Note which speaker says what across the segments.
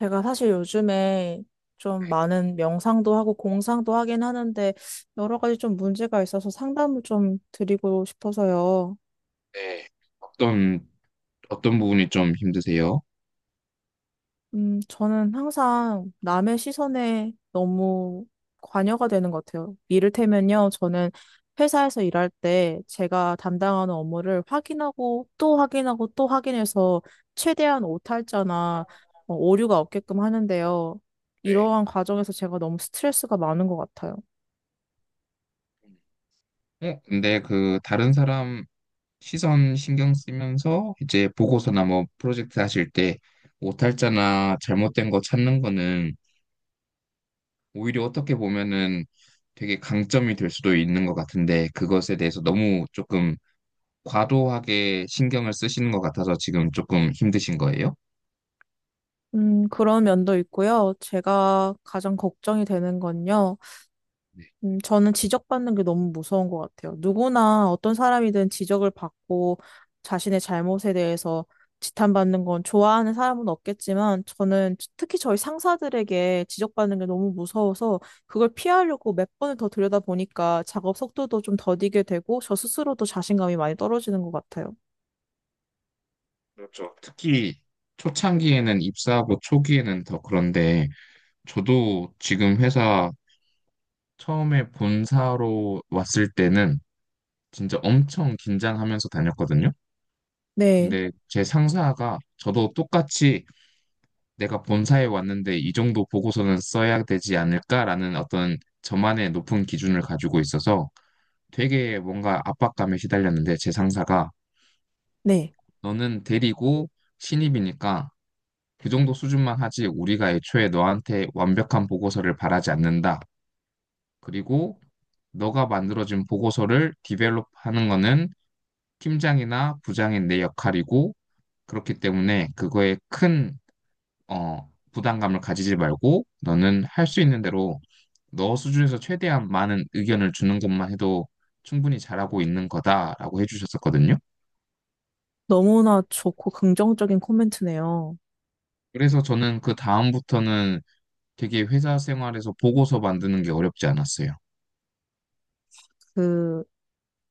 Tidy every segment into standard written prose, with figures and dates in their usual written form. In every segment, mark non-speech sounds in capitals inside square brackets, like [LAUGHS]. Speaker 1: 제가 사실 요즘에 좀 많은 명상도 하고 공상도 하긴 하는데 여러 가지 좀 문제가 있어서 상담을 좀 드리고 싶어서요.
Speaker 2: 네. 어떤, 어떤 부분이 좀 힘드세요?
Speaker 1: 저는 항상 남의 시선에 너무 관여가 되는 것 같아요. 이를테면요, 저는 회사에서 일할 때 제가 담당하는 업무를 확인하고 또 확인하고 또 확인해서 최대한 오탈자나 오류가 없게끔 하는데요.
Speaker 2: 네.
Speaker 1: 이러한 과정에서 제가 너무 스트레스가 많은 것 같아요.
Speaker 2: 근데 그 다른 사람 시선 신경 쓰면서 이제 보고서나 뭐 프로젝트 하실 때 오탈자나 잘못된 거 찾는 거는 오히려 어떻게 보면은 되게 강점이 될 수도 있는 것 같은데, 그것에 대해서 너무 조금 과도하게 신경을 쓰시는 것 같아서 지금 조금 힘드신 거예요?
Speaker 1: 그런 면도 있고요. 제가 가장 걱정이 되는 건요.
Speaker 2: 네.
Speaker 1: 저는 지적받는 게 너무 무서운 것 같아요. 누구나 어떤 사람이든 지적을 받고 자신의 잘못에 대해서 지탄받는 건 좋아하는 사람은 없겠지만 저는 특히 저희 상사들에게 지적받는 게 너무 무서워서 그걸 피하려고 몇 번을 더 들여다보니까 작업 속도도 좀 더디게 되고 저 스스로도 자신감이 많이 떨어지는 것 같아요.
Speaker 2: 그렇죠. 특히 초창기에는, 입사하고 초기에는 더 그런데, 저도 지금 회사 처음에 본사로 왔을 때는 진짜 엄청 긴장하면서 다녔거든요.
Speaker 1: 네,
Speaker 2: 근데 제 상사가, 저도 똑같이 내가 본사에 왔는데 이 정도 보고서는 써야 되지 않을까라는 어떤 저만의 높은 기준을 가지고 있어서 되게 뭔가 압박감에 시달렸는데, 제 상사가
Speaker 1: 네.
Speaker 2: 너는 대리고 신입이니까 그 정도 수준만 하지, 우리가 애초에 너한테 완벽한 보고서를 바라지 않는다. 그리고 너가 만들어진 보고서를 디벨롭하는 거는 팀장이나 부장인 내 역할이고, 그렇기 때문에 그거에 큰 부담감을 가지지 말고 너는 할 수 있는 대로 너 수준에서 최대한 많은 의견을 주는 것만 해도 충분히 잘하고 있는 거다라고 해주셨었거든요.
Speaker 1: 너무나 좋고 긍정적인 코멘트네요.
Speaker 2: 그래서 저는 그 다음부터는 되게 회사 생활에서 보고서 만드는 게 어렵지 않았어요.
Speaker 1: 그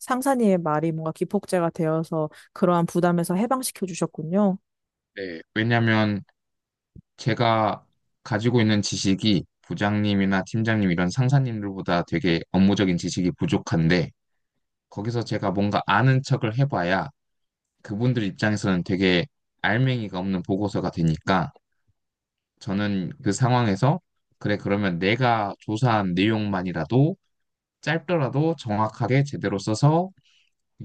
Speaker 1: 상사님의 말이 뭔가 기폭제가 되어서 그러한 부담에서 해방시켜 주셨군요.
Speaker 2: 네, 왜냐면 제가 가지고 있는 지식이 부장님이나 팀장님 이런 상사님들보다 되게 업무적인 지식이 부족한데, 거기서 제가 뭔가 아는 척을 해봐야 그분들 입장에서는 되게 알맹이가 없는 보고서가 되니까, 저는 그 상황에서 그래, 그러면 내가 조사한 내용만이라도 짧더라도 정확하게 제대로 써서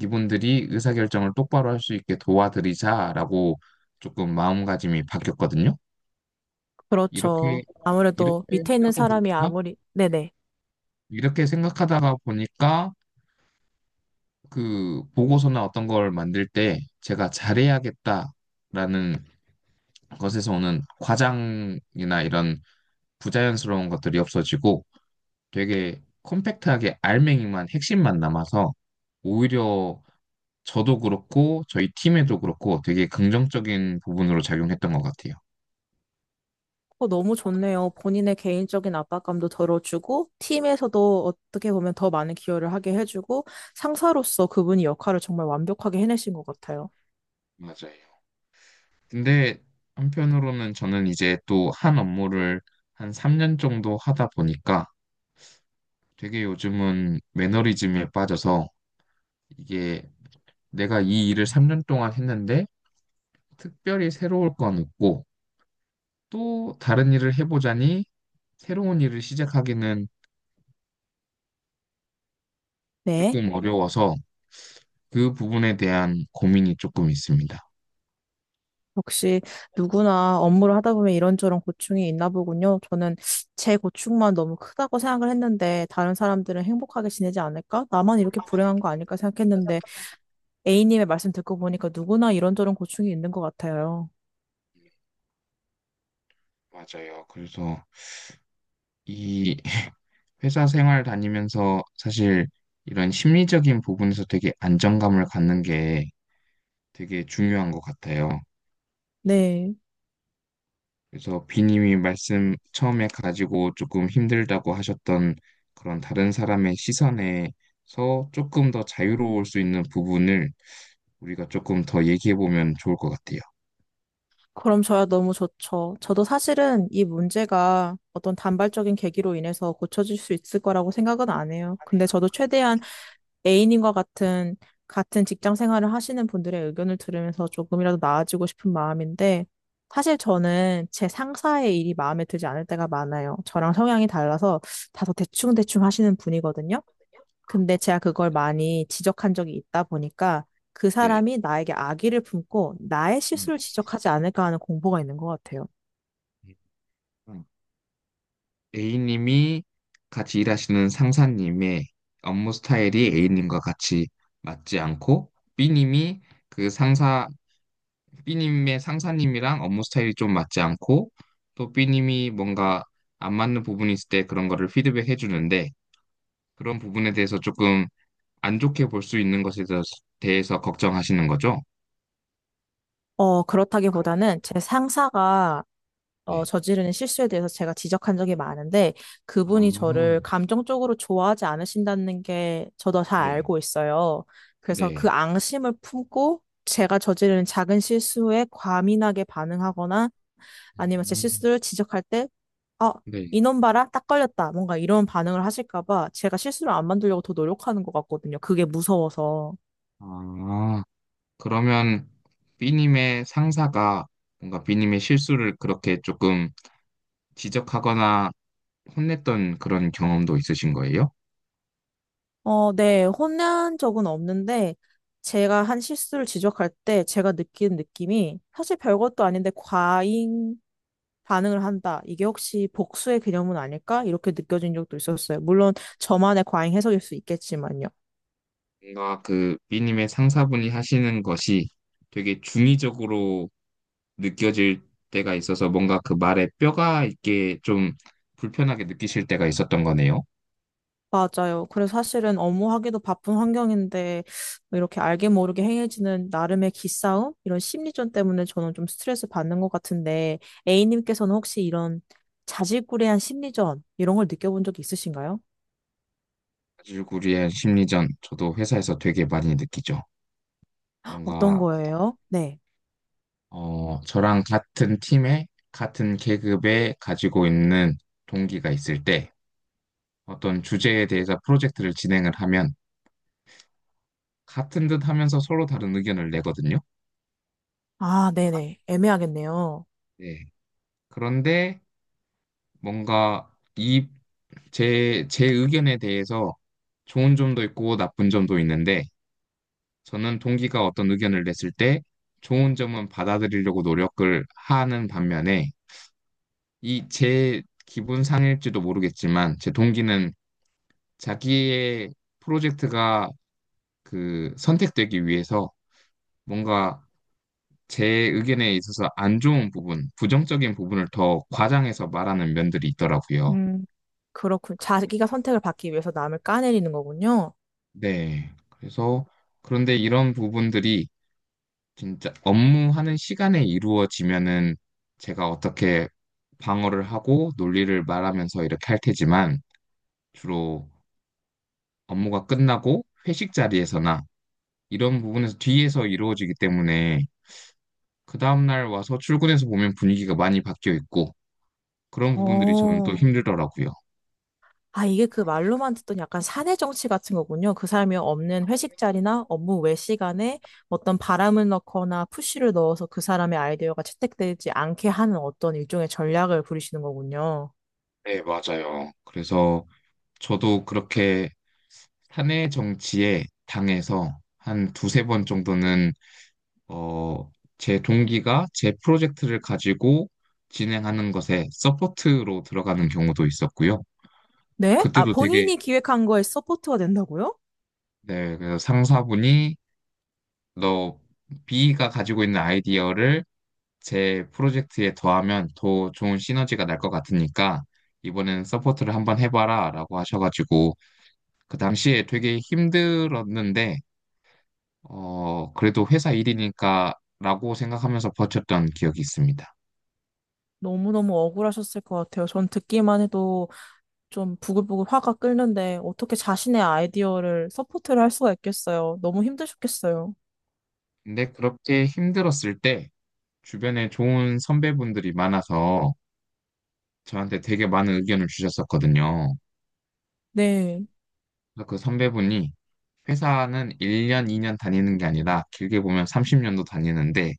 Speaker 2: 이분들이 의사결정을 똑바로 할 수 있게 도와드리자라고 조금 마음가짐이 바뀌었거든요. 이렇게
Speaker 1: 그렇죠. 아무래도
Speaker 2: 이렇게
Speaker 1: 밑에 있는
Speaker 2: 하고
Speaker 1: 사람이
Speaker 2: 보니까,
Speaker 1: 아무리, 네네.
Speaker 2: 이렇게 생각하다가 보니까, 그 보고서나 어떤 걸 만들 때 제가 잘해야겠다라는 것에서 오는 과장이나 이런 부자연스러운 것들이 없어지고, 되게 컴팩트하게 알맹이만 핵심만 남아서 오히려 저도 그렇고 저희 팀에도 그렇고 되게 긍정적인 부분으로 작용했던 것 같아요.
Speaker 1: 어, 너무 좋네요. 본인의 개인적인 압박감도 덜어주고, 팀에서도 어떻게 보면 더 많은 기여를 하게 해주고, 상사로서 그분이 역할을 정말 완벽하게 해내신 것 같아요.
Speaker 2: 맞아요. 근데 한편으로는 저는 이제 또 한 업무를 한 3년 정도 하다 보니까 되게 요즘은 매너리즘에 빠져서, 이게 내가 이 일을 3년 동안 했는데 특별히 새로울 건 없고, 또 다른 일을 해보자니 새로운 일을 시작하기는
Speaker 1: 네.
Speaker 2: 조금 어려워서 그 부분에 대한 고민이 조금 있습니다.
Speaker 1: 역시 누구나 업무를 하다 보면 이런저런 고충이 있나 보군요. 저는 제 고충만 너무 크다고 생각을 했는데 다른 사람들은 행복하게 지내지 않을까? 나만 이렇게 불행한 거 아닐까 생각했는데 A님의 말씀 듣고 보니까 누구나 이런저런 고충이 있는 것 같아요.
Speaker 2: 맞아요. 그래서 이 [LAUGHS] 회사 생활 다니면서 사실 이런 심리적인 부분에서 되게 안정감을 갖는 게 되게 중요한 것 같아요.
Speaker 1: 네.
Speaker 2: 그래서 비님이 말씀 처음에 가지고 조금 힘들다고 하셨던 그런 다른 사람의 시선에서 조금 더 자유로울 수 있는 부분을 우리가 조금 더 얘기해 보면 좋을 것 같아요.
Speaker 1: 그럼 저야 너무 좋죠. 저도 사실은 이 문제가 어떤 단발적인 계기로 인해서 고쳐질 수 있을 거라고 생각은 안 해요. 근데 저도 최대한 A님과 같은 직장 생활을 하시는 분들의 의견을 들으면서 조금이라도 나아지고 싶은 마음인데, 사실 저는 제 상사의 일이 마음에 들지 않을 때가 많아요. 저랑 성향이 달라서 다소 대충대충 하시는 분이거든요. 근데 제가 그걸 많이 지적한 적이 있다 보니까 그
Speaker 2: 네.
Speaker 1: 사람이 나에게 악의를 품고 나의 실수를 지적하지 않을까 하는 공포가 있는 것 같아요.
Speaker 2: 음. A님이 같이 일하시는 상사님의 업무 스타일이 A님과 같이 맞지 않고, B님이 그 상사 B님의 상사님이랑 업무 스타일이 좀 맞지 않고, 또 B님이 뭔가 안 맞는 부분이 있을 때 그런 거를 피드백해 주는데, 그런 부분에 대해서 조금 안 좋게 볼 수 있는 것에 대해서 걱정하시는 거죠?
Speaker 1: 그렇다기보다는 제 상사가
Speaker 2: 네.
Speaker 1: 저지르는 실수에 대해서 제가 지적한 적이 많은데 그분이
Speaker 2: 아,
Speaker 1: 저를 감정적으로 좋아하지 않으신다는 게 저도 잘
Speaker 2: 네.
Speaker 1: 알고 있어요. 그래서
Speaker 2: 네.
Speaker 1: 그 앙심을 품고 제가 저지르는 작은 실수에 과민하게 반응하거나 아니면 제
Speaker 2: 음,
Speaker 1: 실수를 지적할 때 어
Speaker 2: 네.
Speaker 1: 이놈 봐라, 딱 걸렸다. 뭔가 이런 반응을 하실까 봐 제가 실수를 안 만들려고 더 노력하는 것 같거든요. 그게 무서워서.
Speaker 2: 아, 그러면 B님의 상사가 뭔가 B님의 실수를 그렇게 조금 지적하거나 혼냈던 그런 경험도 있으신 거예요?
Speaker 1: 네, 혼난 적은 없는데, 제가 한 실수를 지적할 때 제가 느끼는 느낌이 사실 별것도 아닌데 과잉 반응을 한다. 이게 혹시 복수의 개념은 아닐까? 이렇게 느껴진 적도 있었어요. 물론 저만의 과잉 해석일 수 있겠지만요.
Speaker 2: 뭔가 그 B님의 상사분이 하시는 것이 되게 중의적으로 느껴질 때가 있어서, 뭔가 그 말에 뼈가 있게 좀 불편하게 느끼실 때가 있었던 거네요.
Speaker 1: 맞아요. 그래서 사실은 업무하기도 바쁜 환경인데 뭐 이렇게 알게 모르게 행해지는 나름의 기싸움? 이런 심리전 때문에 저는 좀 스트레스 받는 것 같은데 A님께서는 혹시 이런 자질구레한 심리전 이런 걸 느껴본 적이 있으신가요?
Speaker 2: 사실구리의 심리전 저도 회사에서 되게 많이 느끼죠.
Speaker 1: 어떤
Speaker 2: 뭔가
Speaker 1: 거예요? 네.
Speaker 2: 저랑 같은 팀에 같은 계급에 가지고 있는 동기가 있을 때, 어떤 주제에 대해서 프로젝트를 진행을 하면 같은 듯 하면서 서로 다른 의견을 내거든요.
Speaker 1: 아, 네네. 애매하겠네요.
Speaker 2: 네. 그런데 뭔가 이 제 의견에 대해서 좋은 점도 있고 나쁜 점도 있는데, 저는 동기가 어떤 의견을 냈을 때 좋은 점은 받아들이려고 노력을 하는 반면에, 이 제 기분 상일지도 모르겠지만, 제 동기는 자기의 프로젝트가 그 선택되기 위해서 뭔가 제 의견에 있어서 안 좋은 부분, 부정적인 부분을 더 과장해서 말하는 면들이 있더라고요.
Speaker 1: 음, 그렇군. 자기가 선택을 받기 위해서 남을 까내리는 거군요.
Speaker 2: 네. 그래서, 그런데 이런 부분들이 진짜 업무하는 시간에 이루어지면은 제가 어떻게 방어를 하고 논리를 말하면서 이렇게 할 테지만, 주로 업무가 끝나고 회식 자리에서나 이런 부분에서 뒤에서 이루어지기 때문에, 그 다음날 와서 출근해서 보면 분위기가 많이 바뀌어 있고, 그런 부분들이 저는 또
Speaker 1: 어,
Speaker 2: 힘들더라고요.
Speaker 1: 아, 이게 그 말로만 듣던 약간 사내 정치 같은 거군요. 그 사람이 없는 회식 자리나 업무 외 시간에 어떤 바람을 넣거나 푸시를 넣어서 그 사람의 아이디어가 채택되지 않게 하는 어떤 일종의 전략을 부리시는 거군요.
Speaker 2: 네, 맞아요. 그래서 저도 그렇게 사내 정치에 당해서 한 두세 번 정도는 어, 제 동기가 제 프로젝트를 가지고 진행하는 것에 서포트로 들어가는 경우도 있었고요.
Speaker 1: 네? 아,
Speaker 2: 그때도 되게,
Speaker 1: 본인이 기획한 거에 서포트가 된다고요?
Speaker 2: 네, 그래서 상사분이, 너 B가 가지고 있는 아이디어를 제 프로젝트에 더하면 더 좋은 시너지가 날 것 같으니까 이번에는 서포트를 한번 해봐라, 라고 하셔가지고 그 당시에 되게 힘들었는데, 그래도 회사 일이니까, 라고 생각하면서 버텼던 기억이 있습니다.
Speaker 1: 너무너무 억울하셨을 것 같아요. 전 듣기만 해도 좀 부글부글 화가 끓는데 어떻게 자신의 아이디어를 서포트를 할 수가 있겠어요. 너무 힘드셨겠어요.
Speaker 2: 근데 그렇게 힘들었을 때 주변에 좋은 선배분들이 많아서 저한테 되게 많은 의견을 주셨었거든요.
Speaker 1: 네.
Speaker 2: 그래서 그 선배분이, 회사는 1년, 2년 다니는 게 아니라 길게 보면 30년도 다니는데,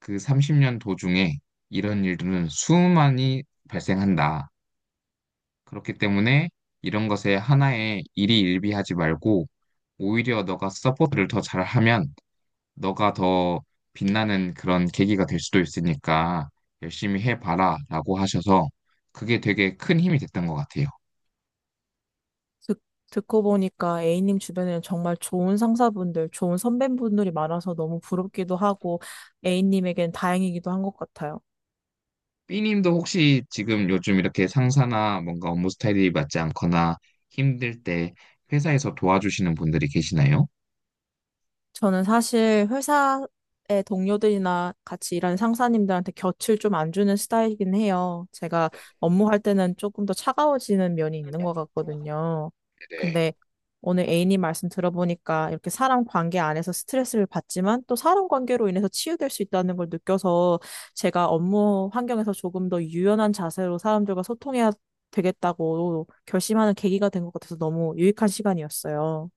Speaker 2: 그 30년 도중에 이런 일들은 수많이 발생한다. 그렇기 때문에 이런 것에 하나의 일이 일비하지 말고 오히려 너가 서포트를 더 잘하면 너가 더 빛나는 그런 계기가 될 수도 있으니까 열심히 해봐라, 라고 하셔서 그게 되게 큰 힘이 됐던 것 같아요.
Speaker 1: 듣, 듣고 보니까 A님 주변에는 정말 좋은 상사분들, 좋은 선배분들이 많아서 너무 부럽기도 하고 A님에겐 다행이기도 한 것 같아요.
Speaker 2: B님도 혹시 지금 요즘 이렇게 상사나 뭔가 업무 스타일이 맞지 않거나 힘들 때 회사에서 도와주시는 분들이 계시나요?
Speaker 1: 저는 사실 회사의 동료들이나 같이 일하는 상사님들한테 곁을 좀 안 주는 스타일이긴 해요. 제가 업무할 때는 조금 더 차가워지는 면이 있는 것 같거든요.
Speaker 2: 네,
Speaker 1: 근데 오늘 A님 말씀 들어보니까 이렇게 사람 관계 안에서 스트레스를 받지만 또 사람 관계로 인해서 치유될 수 있다는 걸 느껴서 제가 업무 환경에서 조금 더 유연한 자세로 사람들과 소통해야 되겠다고 결심하는 계기가 된 것 같아서 너무 유익한 시간이었어요.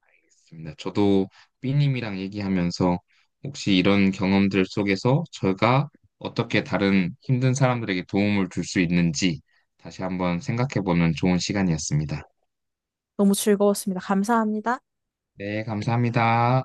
Speaker 2: 알겠습니다. 저도 B님이랑 얘기하면서 혹시 이런 경험들 속에서 제가 어떻게 다른 힘든 사람들에게 도움을 줄 수 있는지 다시 한번 생각해보는 좋은 시간이었습니다.
Speaker 1: 너무 즐거웠습니다. 감사합니다.
Speaker 2: 네, 감사합니다.